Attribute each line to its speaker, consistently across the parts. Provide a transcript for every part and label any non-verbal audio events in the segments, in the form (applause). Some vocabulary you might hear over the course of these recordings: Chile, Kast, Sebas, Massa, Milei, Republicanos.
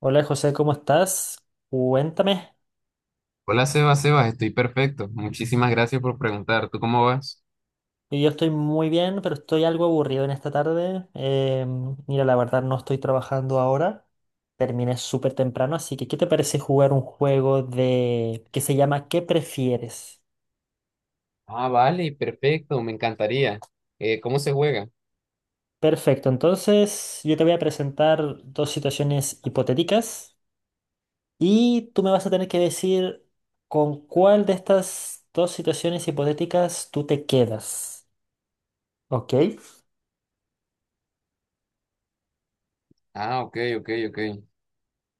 Speaker 1: Hola José, ¿cómo estás? Cuéntame.
Speaker 2: Hola Sebas, Sebas, estoy perfecto. Muchísimas gracias por preguntar. ¿Tú cómo vas?
Speaker 1: Yo estoy muy bien, pero estoy algo aburrido en esta tarde. Mira, la verdad no estoy trabajando ahora. Terminé súper temprano, así que ¿qué te parece jugar un juego de que se llama ¿Qué prefieres?
Speaker 2: Ah, vale, perfecto, me encantaría. ¿Cómo se juega?
Speaker 1: Perfecto, entonces yo te voy a presentar dos situaciones hipotéticas y tú me vas a tener que decir con cuál de estas dos situaciones hipotéticas tú te quedas. ¿Ok?
Speaker 2: Ah, ok, ok, ok.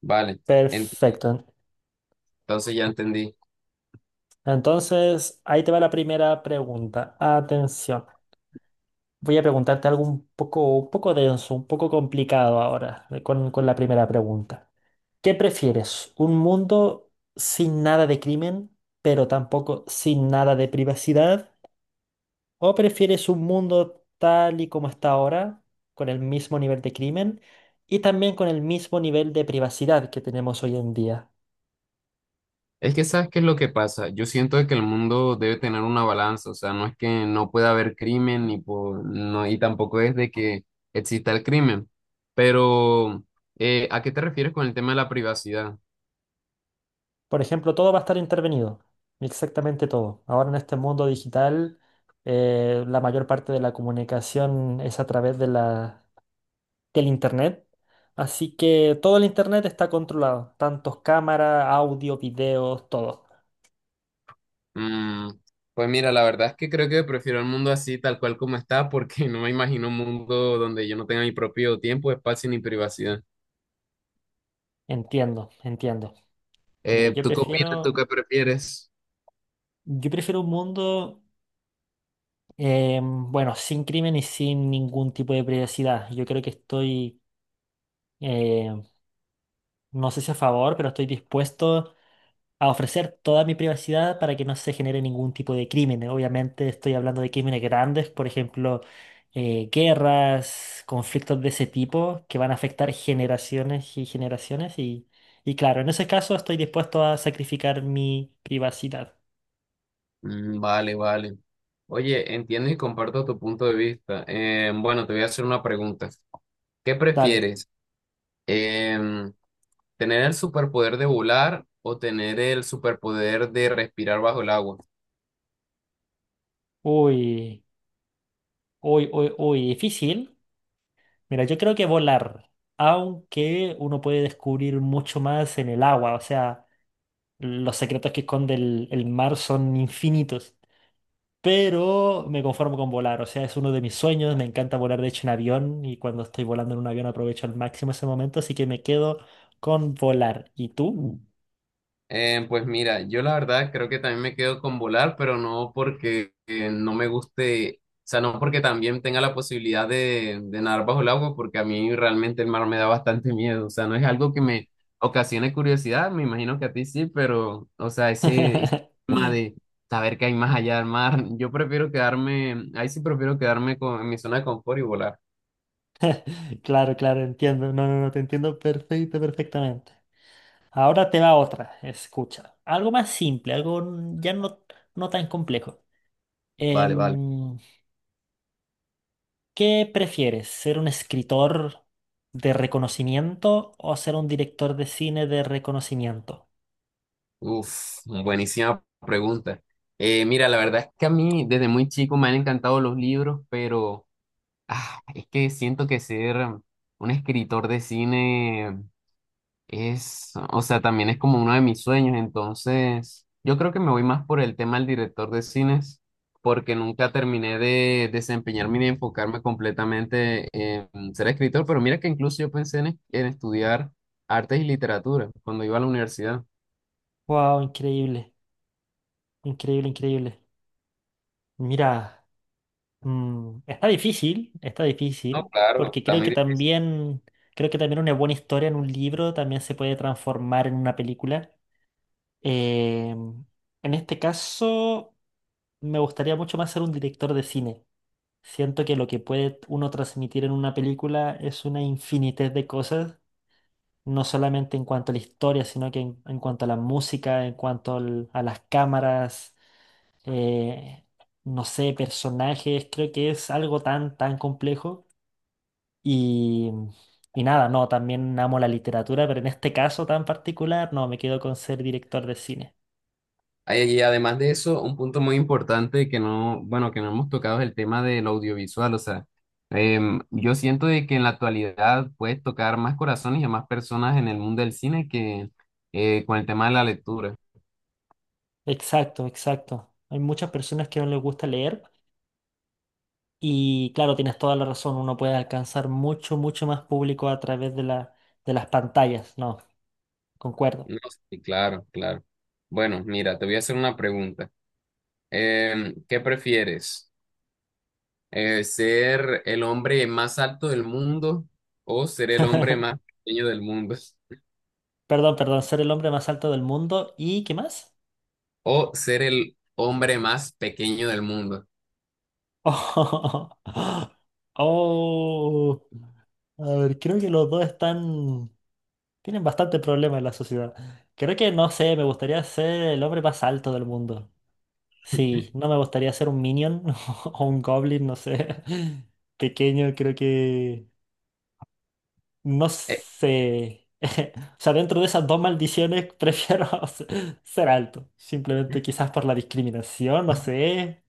Speaker 2: Vale, ent-
Speaker 1: Perfecto.
Speaker 2: entonces ya entendí.
Speaker 1: Entonces, ahí te va la primera pregunta. Atención. Voy a preguntarte algo un poco denso, un poco complicado ahora, con la primera pregunta. ¿Qué prefieres? ¿Un mundo sin nada de crimen, pero tampoco sin nada de privacidad? ¿O prefieres un mundo tal y como está ahora, con el mismo nivel de crimen y también con el mismo nivel de privacidad que tenemos hoy en día?
Speaker 2: Es que sabes qué es lo que pasa. Yo siento de que el mundo debe tener una balanza, o sea, no es que no pueda haber crimen ni no, y tampoco es de que exista el crimen. Pero, ¿a qué te refieres con el tema de la privacidad?
Speaker 1: Por ejemplo, todo va a estar intervenido, exactamente todo. Ahora en este mundo digital, la mayor parte de la comunicación es a través de del Internet. Así que todo el Internet está controlado, tantos cámaras, audio, videos, todo.
Speaker 2: Mm, pues mira, la verdad es que creo que prefiero el mundo así, tal cual como está, porque (laughs) no me imagino un mundo donde yo no tenga mi propio tiempo, espacio ni privacidad.
Speaker 1: Entiendo, entiendo. Mira,
Speaker 2: ¿Tú qué opinas? ¿Tú qué prefieres?
Speaker 1: yo prefiero un mundo, bueno, sin crimen y sin ningún tipo de privacidad. Yo creo que eh, no sé si a favor, pero estoy dispuesto a ofrecer toda mi privacidad para que no se genere ningún tipo de crimen. Obviamente estoy hablando de crímenes grandes, por ejemplo, guerras, conflictos de ese tipo que van a afectar generaciones y generaciones y claro, en ese caso estoy dispuesto a sacrificar mi privacidad.
Speaker 2: Mm, vale, vale. Oye, entiendo y comparto tu punto de vista. Bueno, te voy a hacer una pregunta. ¿Qué
Speaker 1: Dale.
Speaker 2: prefieres? Em, ¿Tener el superpoder de volar o tener el superpoder de respirar bajo el agua?
Speaker 1: Uy, uy, uy, uy, difícil. Mira, yo creo que volar, aunque uno puede descubrir mucho más en el agua, o sea, los secretos que esconde el mar son infinitos. Pero me conformo con volar, o sea, es uno de mis sueños, me encanta volar de hecho en avión y cuando estoy volando en un avión aprovecho al máximo ese momento, así que me quedo con volar. ¿Y tú?
Speaker 2: Pues mira, yo la verdad creo que también me quedo con volar, pero no porque no me guste, o sea, no porque también tenga la posibilidad de nadar bajo el agua, porque a mí realmente el mar me da bastante miedo, o sea, no es algo que me ocasione curiosidad, me imagino que a ti sí, pero, o sea, ese
Speaker 1: (laughs)
Speaker 2: tema de saber que hay más allá del mar, yo prefiero quedarme, ahí sí prefiero quedarme con, en mi zona de confort y volar.
Speaker 1: Claro, claro, entiendo, no, no, no, te entiendo perfecto, perfectamente. Ahora te va otra, escucha, algo más simple, ya no, no tan complejo.
Speaker 2: Vale, vale.
Speaker 1: Em, ¿Qué prefieres, ser un escritor de reconocimiento o ser un director de cine de reconocimiento?
Speaker 2: Uf, buenísima pregunta. Mira, la verdad es que a mí desde muy chico me han encantado los libros, pero ah, es que siento que ser un escritor de cine es, o sea, también es como uno de mis sueños. Entonces, yo creo que me voy más por el tema del director de cines, porque nunca terminé de desempeñarme ni de enfocarme completamente en ser escritor. Pero mira que incluso yo pensé en estudiar artes y literatura cuando iba a la universidad.
Speaker 1: Wow, increíble. Increíble, increíble. Mira, mm, está
Speaker 2: No,
Speaker 1: difícil,
Speaker 2: claro,
Speaker 1: porque
Speaker 2: está muy difícil.
Speaker 1: creo que también una buena historia en un libro también se puede transformar en una película. Eh, en este caso, me gustaría mucho más ser un director de cine. Siento que lo que puede uno transmitir en una película es una infinidad de cosas, no solamente en cuanto a la historia, sino que en cuanto a la música, a las cámaras eh, no sé, personajes, creo que es algo tan complejo. Y, y nada, no, también amo la literatura, pero en este caso tan particular, no, me quedo con ser director de cine.
Speaker 2: Y además de eso, un punto muy importante que no, bueno, que no hemos tocado es el tema del audiovisual. O sea, yo siento de que en la actualidad puedes tocar más corazones y a más personas en el mundo del cine que con el tema de la lectura.
Speaker 1: Exacto, exacto. Hay muchas personas que no les gusta leer y claro, tienes toda la razón, uno puede alcanzar mucho más público a través de de las pantallas, no, concuerdo.
Speaker 2: No, sí, claro, claro. Bueno, mira, te voy a hacer una pregunta. ¿Qué prefieres? ¿Ser el hombre más alto del mundo o ser el hombre más
Speaker 1: (laughs)
Speaker 2: pequeño del mundo? (laughs)
Speaker 1: Perdón, perdón, ser el hombre más alto del mundo y ¿qué más?
Speaker 2: O ser el hombre más pequeño del mundo.
Speaker 1: (laughs) Oh, a ver, creo que los dos están... Tienen bastante problema en la sociedad. Creo que, no sé, me gustaría ser el hombre más alto del mundo. Sí, no me gustaría ser un minion (laughs) o un goblin, no sé. (laughs) Pequeño, creo que... No sé. (laughs) O sea, dentro de esas dos maldiciones prefiero (laughs) ser alto. Simplemente quizás por la discriminación, no sé.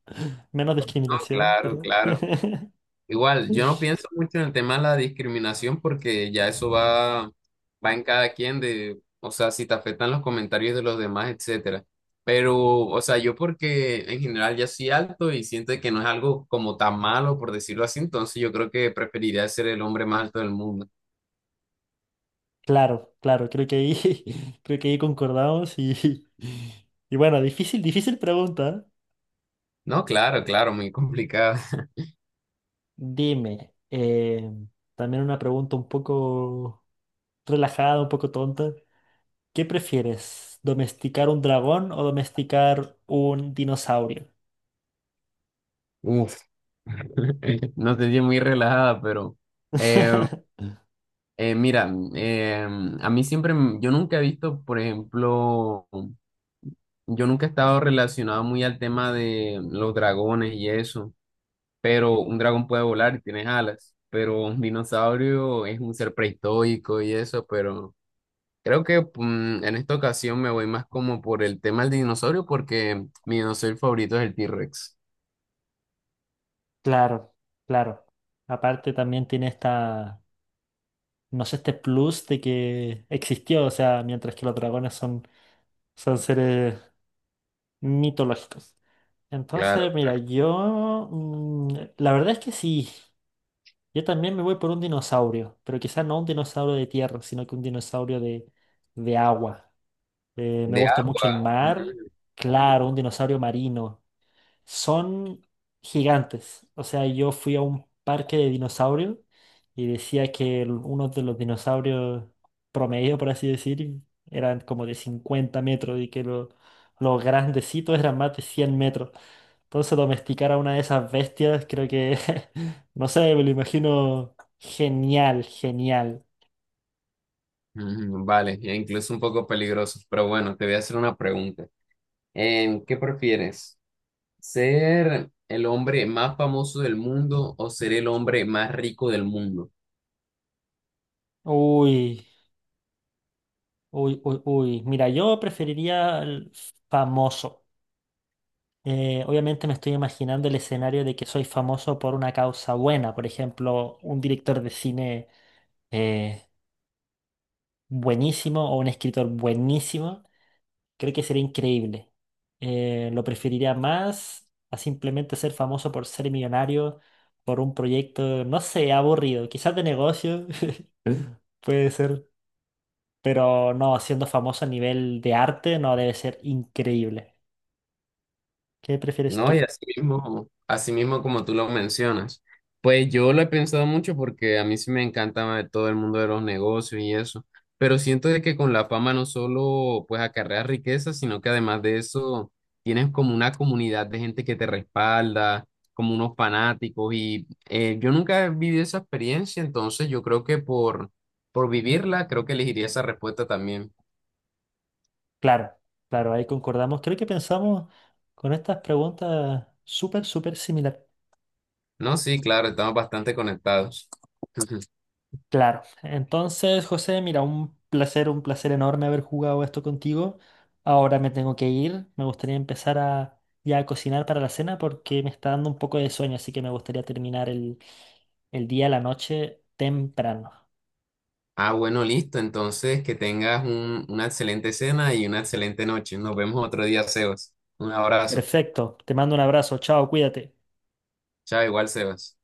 Speaker 1: Menos discriminación,
Speaker 2: Claro,
Speaker 1: pero...
Speaker 2: claro.
Speaker 1: (laughs)
Speaker 2: Igual, yo no pienso mucho en el tema de la discriminación porque ya eso va en cada quien de, o sea, si te afectan los comentarios de los demás, etcétera. Pero, o sea, yo porque en general ya soy alto y siento que no es algo como tan malo, por decirlo así, entonces yo creo que preferiría ser el hombre más alto del mundo.
Speaker 1: Claro, claro, creo que ahí, (laughs) creo que ahí concordamos y, (laughs) y bueno, difícil, difícil pregunta.
Speaker 2: No, claro, claro, muy complicado. (laughs)
Speaker 1: Dime, también una pregunta un poco relajada, un poco tonta. ¿Qué prefieres, domesticar un dragón o domesticar un dinosaurio?
Speaker 2: Uf, (laughs) no te di muy relajada, pero eh,
Speaker 1: (laughs)
Speaker 2: mira, a mí siempre, yo nunca he visto, por ejemplo, yo nunca he estado relacionado muy al tema de los dragones y eso, pero un dragón puede volar y tiene alas, pero un dinosaurio es un ser prehistórico y eso, pero creo que en esta ocasión me voy más como por el tema del dinosaurio porque mi dinosaurio favorito es el T-Rex.
Speaker 1: Claro, claro. Aparte también tiene esta, no sé, este plus de que existió, o sea, mientras que los dragones son seres mitológicos.
Speaker 2: Claro,
Speaker 1: Entonces, mira,
Speaker 2: claro.
Speaker 1: yo... mm, la verdad es que sí. Yo también me voy por un dinosaurio, pero quizás no un dinosaurio de tierra, sino que un dinosaurio de agua. Me
Speaker 2: De
Speaker 1: gusta mucho
Speaker 2: agua.
Speaker 1: el mar. Claro,
Speaker 2: Ujú.
Speaker 1: un dinosaurio marino. Son gigantes. O sea, yo fui a un parque de dinosaurios y decía que uno de los dinosaurios promedio, por así decir, eran como de 50 metros y que los grandecitos eran más de 100 metros. Entonces domesticar a una de esas bestias, creo que, (laughs) no sé, me lo imagino genial, genial.
Speaker 2: Ujú, vale, e incluso un poco peligrosos, pero bueno, te voy a hacer una pregunta. ¿Qué prefieres? ¿Ser el hombre más famoso del mundo o ser el hombre más rico del mundo?
Speaker 1: Uy, uy, uy, uy. Mira, yo preferiría el famoso. Obviamente me estoy imaginando el escenario de que soy famoso por una causa buena, por ejemplo, un director de cine eh, buenísimo o un escritor buenísimo, creo que sería increíble. Lo preferiría más a simplemente ser famoso por ser millonario, por un proyecto, no sé, aburrido, quizás de negocio, (laughs) puede ser, pero no, siendo famoso a nivel de arte no debe ser increíble. ¿Qué prefieres
Speaker 2: No, y
Speaker 1: tú?
Speaker 2: así mismo como tú lo mencionas. Pues yo lo he pensado mucho porque a mí sí me encanta todo el mundo de los negocios y eso, pero siento de que con la fama no solo pues acarreas riqueza, sino que además de eso tienes como una comunidad de gente que te respalda, como unos fanáticos y yo nunca he vivido esa experiencia, entonces yo creo que por vivirla creo que elegiría esa respuesta también.
Speaker 1: Claro, claro, ahí concordamos. Creo que pensamos con estas preguntas súper, súper similar.
Speaker 2: No, sí, claro, estamos bastante conectados. (laughs)
Speaker 1: Claro, entonces José, mira, un placer enorme haber jugado esto contigo. Ahora me tengo que ir, me gustaría empezar a ya a cocinar para la cena porque me está dando un poco de sueño, así que me gustaría terminar el día, la noche temprano.
Speaker 2: Ah, bueno, listo. Entonces, que tengas una excelente cena y una excelente noche. Nos vemos otro día, Sebas. Un abrazo.
Speaker 1: Perfecto, te mando un abrazo, chao, cuídate.
Speaker 2: Chao, igual, Sebas.